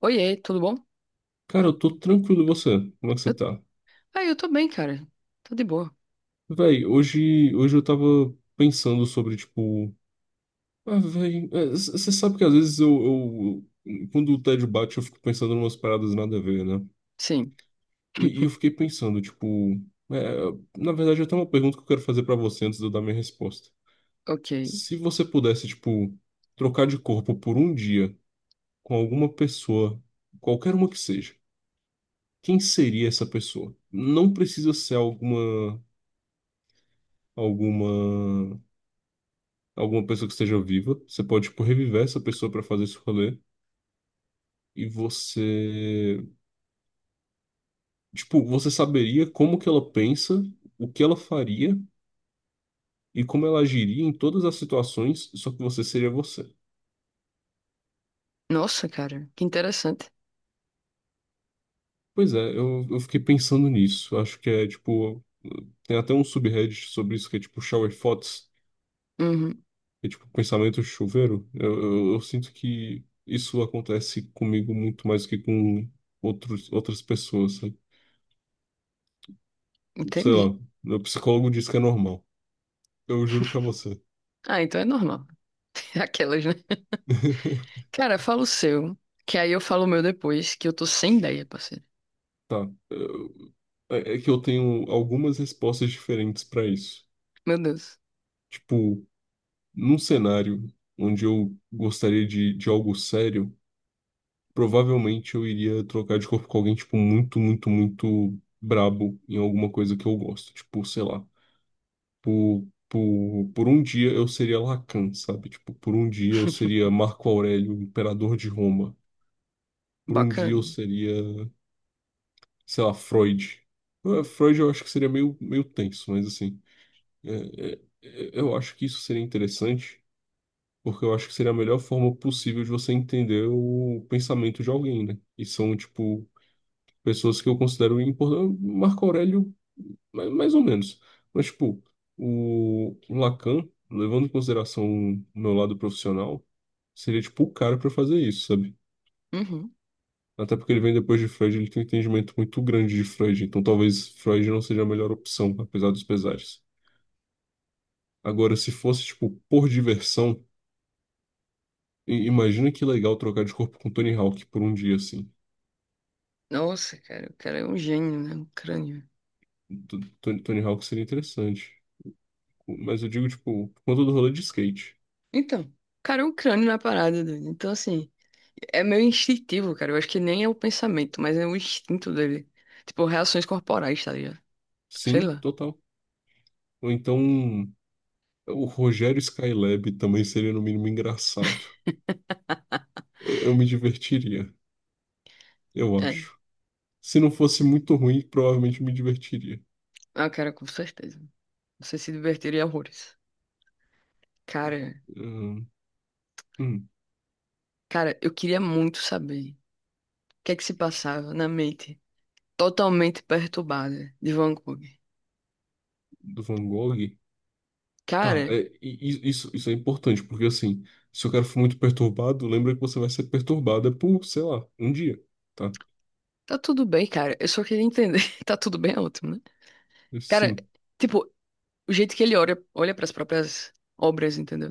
Oiê, tudo bom? Cara, eu tô tranquilo, e você? Como é que você Eu... tá? Ah, eu tô bem, cara. Tô de boa. Véi, hoje eu tava pensando sobre, tipo. Ah, véi, você sabe que às vezes quando o tédio bate, eu fico pensando em umas paradas nada a ver, né? Sim. E eu fiquei pensando, tipo. é, na verdade, eu tenho uma pergunta que eu quero fazer pra você antes de eu dar minha resposta. Ok. Se você pudesse, tipo, trocar de corpo por um dia com alguma pessoa, qualquer uma que seja, quem seria essa pessoa? Não precisa ser Alguma. alguma pessoa que esteja viva. Você pode, tipo, reviver essa pessoa pra fazer esse rolê. E você, tipo, você saberia como que ela pensa, o que ela faria e como ela agiria em todas as situações, só que você seria você. Nossa, cara, que interessante. Pois é, eu fiquei pensando nisso. Acho que é, tipo, tem até um subreddit sobre isso que é, tipo, shower thoughts, Uhum. que é, tipo, pensamento chuveiro. Eu sinto que isso acontece comigo muito mais que com outras pessoas, sabe? Sei Entendi. lá, meu psicólogo diz que é normal. Eu juro pra você. Ah, então é normal. Aquelas, né? Cara, fala o seu, que aí eu falo o meu depois, que eu tô sem ideia, parceiro. Tá. É que eu tenho algumas respostas diferentes pra isso. Meu Deus. Tipo, num cenário onde eu gostaria de algo sério, provavelmente eu iria trocar de corpo com alguém, tipo, muito, muito, muito brabo em alguma coisa que eu gosto. Tipo, sei lá. Por um dia eu seria Lacan, sabe? Tipo, por um dia eu seria Marco Aurélio, imperador de Roma. Por um dia Bacana. eu seria. Sei lá, Freud. Freud eu acho que seria meio, meio tenso, mas assim, eu acho que isso seria interessante, porque eu acho que seria a melhor forma possível de você entender o pensamento de alguém, né? E são, tipo, pessoas que eu considero importantes. Marco Aurélio, mais ou menos. Mas, tipo, o Lacan, levando em consideração o meu lado profissional, seria, tipo, o cara para fazer isso, sabe? Uhum. Até porque ele vem depois de Freud, ele tem um entendimento muito grande de Freud, então talvez Freud não seja a melhor opção, apesar dos pesares. Agora, se fosse, tipo, por diversão, imagina que legal trocar de corpo com Tony Hawk por um dia, assim. Nossa, cara, o cara é um gênio, né? Um crânio. Tony Hawk seria interessante. Mas eu digo, tipo, por conta do rolê de skate. Então, cara, é um crânio na parada, doido. Então, assim, é meio instintivo, cara. Eu acho que nem é o pensamento, mas é o instinto dele. Tipo, reações corporais, tá ligado? Sei Sim, lá. total. Ou então, o Rogério Skylab também seria, no mínimo, engraçado. Eu me divertiria, eu É. acho. Se não fosse muito ruim, provavelmente me divertiria. Ah, cara, com certeza. Você se divertiria horrores. Cara, Hum. Hum. cara, eu queria muito saber o que é que se passava na mente totalmente perturbada de Van Gogh. Do Van Gogh. Tá, Cara, é, isso é importante, porque assim, se o cara for muito perturbado, lembra que você vai ser perturbada por, sei lá, um dia, tá? tá tudo bem, cara. Eu só queria entender. Tá tudo bem, é ótimo, né? Cara, Sim. tipo, o jeito que ele olha, olha para as próprias obras, entendeu?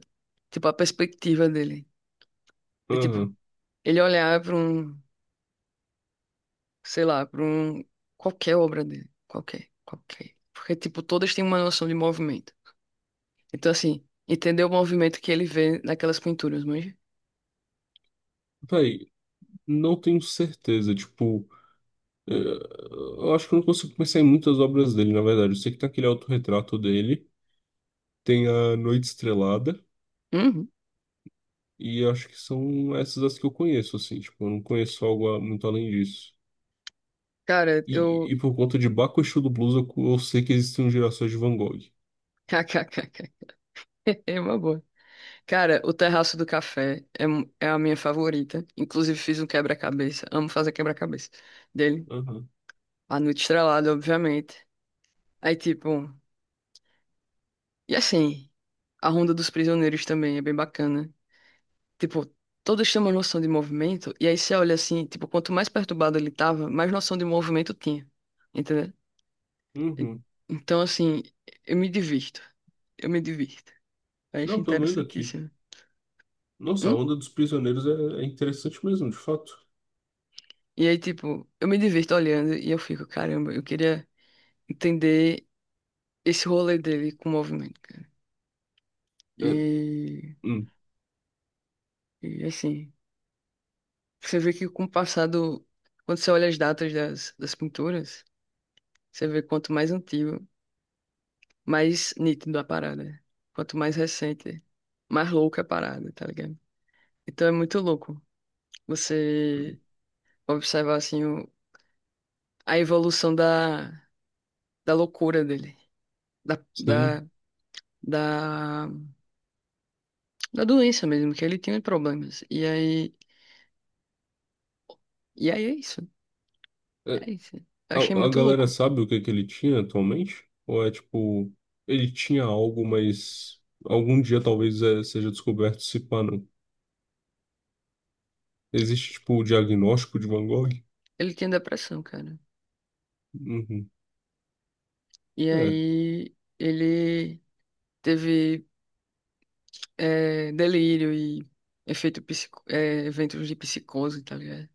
Tipo, a perspectiva dele. De, tipo, Aham. ele olhar pra um, sei lá, pra um, qualquer obra dele. Qualquer, qualquer. Porque, tipo, todas têm uma noção de movimento. Então, assim, entender o movimento que ele vê naquelas pinturas, manja? Véi, não tenho certeza, tipo, eu acho que eu não consigo pensar em muitas obras dele, na verdade. Eu sei que tem aquele autorretrato dele, tem a Noite Estrelada, Uhum. e acho que são essas as que eu conheço, assim, tipo, eu não conheço algo muito além disso. Cara, E, eu. e por conta de Baco Exu do Blues, eu sei que existem gerações de Van Gogh. KKKK. É uma boa. Cara, o Terraço do Café é, é a minha favorita. Inclusive, fiz um quebra-cabeça. Amo fazer quebra-cabeça dele. A Noite Estrelada, obviamente. Aí, tipo. E assim, a Ronda dos Prisioneiros também é bem bacana. Tipo, todos têm uma noção de movimento. E aí, você olha assim, tipo, quanto mais perturbado ele tava, mais noção de movimento tinha. E- Uhum. Então, assim, eu me divirto. eu me divirto. Eu acho Não, tô vendo aqui. interessantíssimo. Nossa, a Hum? onda dos prisioneiros é interessante mesmo, de fato. E aí, tipo, eu me divirto olhando e eu fico, caramba, eu queria entender esse rolê dele com o movimento, cara. É, E, hum, e assim, você vê que com o passado, quando você olha as datas das pinturas, você vê quanto mais antigo, mais nítido a parada. Quanto mais recente, mais louca a parada, tá ligado? Então é muito louco você observar, assim, a evolução da loucura dele, da, sim. da, da, da doença mesmo, que ele tinha problemas. E aí é isso, É, é isso. Eu achei a, a muito galera louco. sabe o que que ele tinha atualmente? Ou é tipo, ele tinha algo, mas algum dia talvez seja descoberto se pá, não. Existe tipo o diagnóstico de Van Gogh? Ele tinha depressão, cara. Uhum. E É, aí ele teve delírio e efeito psico, eventos de psicose, tá ligado?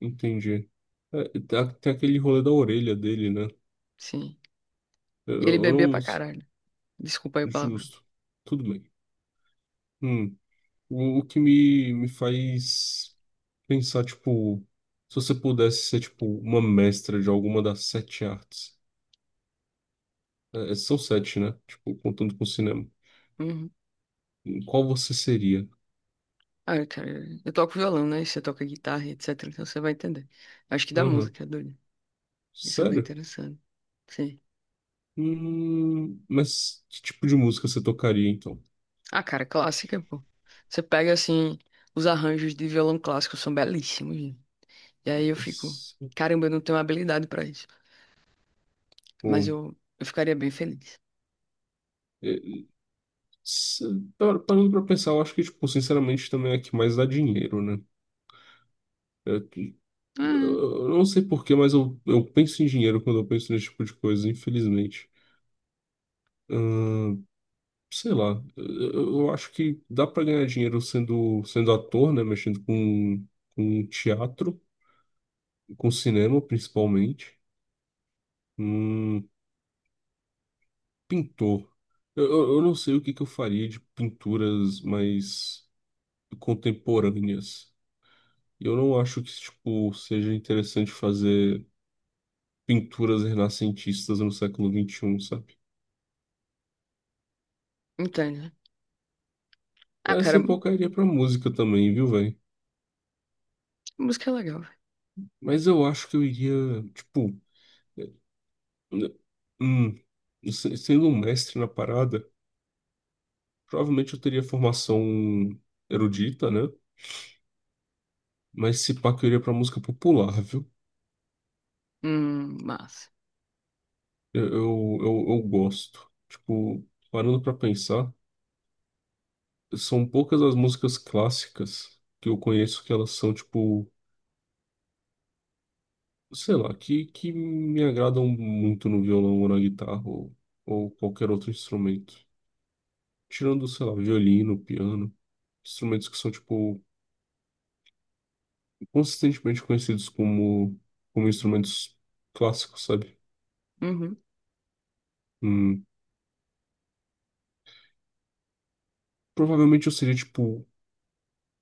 entendi. É, tem aquele rolê da orelha dele, né? Sim. É, Eu, E ele eu bebia não. pra caralho. Desculpa aí o palavrão. Justo. Tudo bem. Hum. O que me faz. Pensar, tipo, se você pudesse ser, tipo, uma mestra de alguma das sete artes. É, são sete, né? Tipo, contando com o cinema. Uhum. Qual você seria? Ah, cara, eu toco violão, né? Você toca guitarra, etc. Então você vai entender. Acho que da Aham. música, é doido. Isso é bem Sério? interessante. Sim. Mas que tipo de música você tocaria, então? Ah, cara, clássica, pô. Você pega, assim, os arranjos de violão clássico são belíssimos, né? E aí eu fico, Esse- caramba, eu não tenho habilidade pra isso. Mas Pô, eu ficaria bem feliz. é, se- parando pra pensar, eu acho que, tipo, sinceramente, também é a que mais dá dinheiro, né? É que- Ah, eu não sei porquê, mas eu penso em dinheiro quando eu penso nesse tipo de coisa, infelizmente. Sei lá, eu acho que dá pra ganhar dinheiro sendo ator, né? Mexendo com teatro, com cinema principalmente. Hum, pintor. Eu não sei o que que eu faria de pinturas mais contemporâneas. Eu não acho que, tipo, seja interessante fazer pinturas renascentistas no século 21, sabe? entende? Né? Ah, Essa cara, pouca iria pra música também, viu, velho? música é legal, velho. Mas eu acho que eu iria, tipo. Né? Hum, sendo um mestre na parada, provavelmente eu teria formação erudita, né? Mas se pá, que eu iria pra música popular, viu? Massa. Eu gosto. Tipo, parando pra pensar, são poucas as músicas clássicas que eu conheço que elas são, tipo, sei lá, que me agradam muito no violão ou na guitarra ou qualquer outro instrumento. Tirando, sei lá, violino, piano, instrumentos que são, tipo. Consistentemente conhecidos como, como instrumentos clássicos, sabe? Uhum. Hum, provavelmente eu seria, tipo,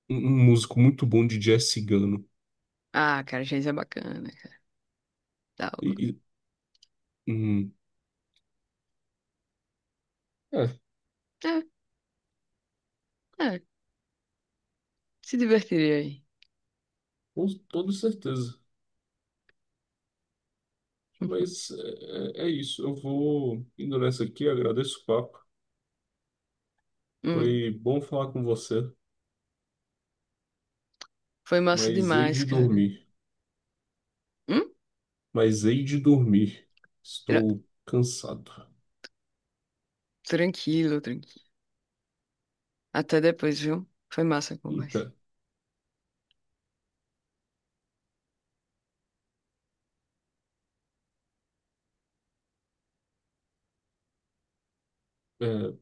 um músico muito bom de jazz cigano. Ah, cara, Geis é bacana, cara. Tá, E, e- hum, é, é, é, se divertiria aí. com toda certeza. Mas é isso. Eu vou indo nessa aqui, agradeço o papo. Hum, Foi bom falar com você, foi massa mas hei demais, de cara. dormir. Hum? Mas hei de dormir. Era- Estou cansado. Tranquilo, tranquilo. Até depois, viu? Foi massa a conversa. Eita. É,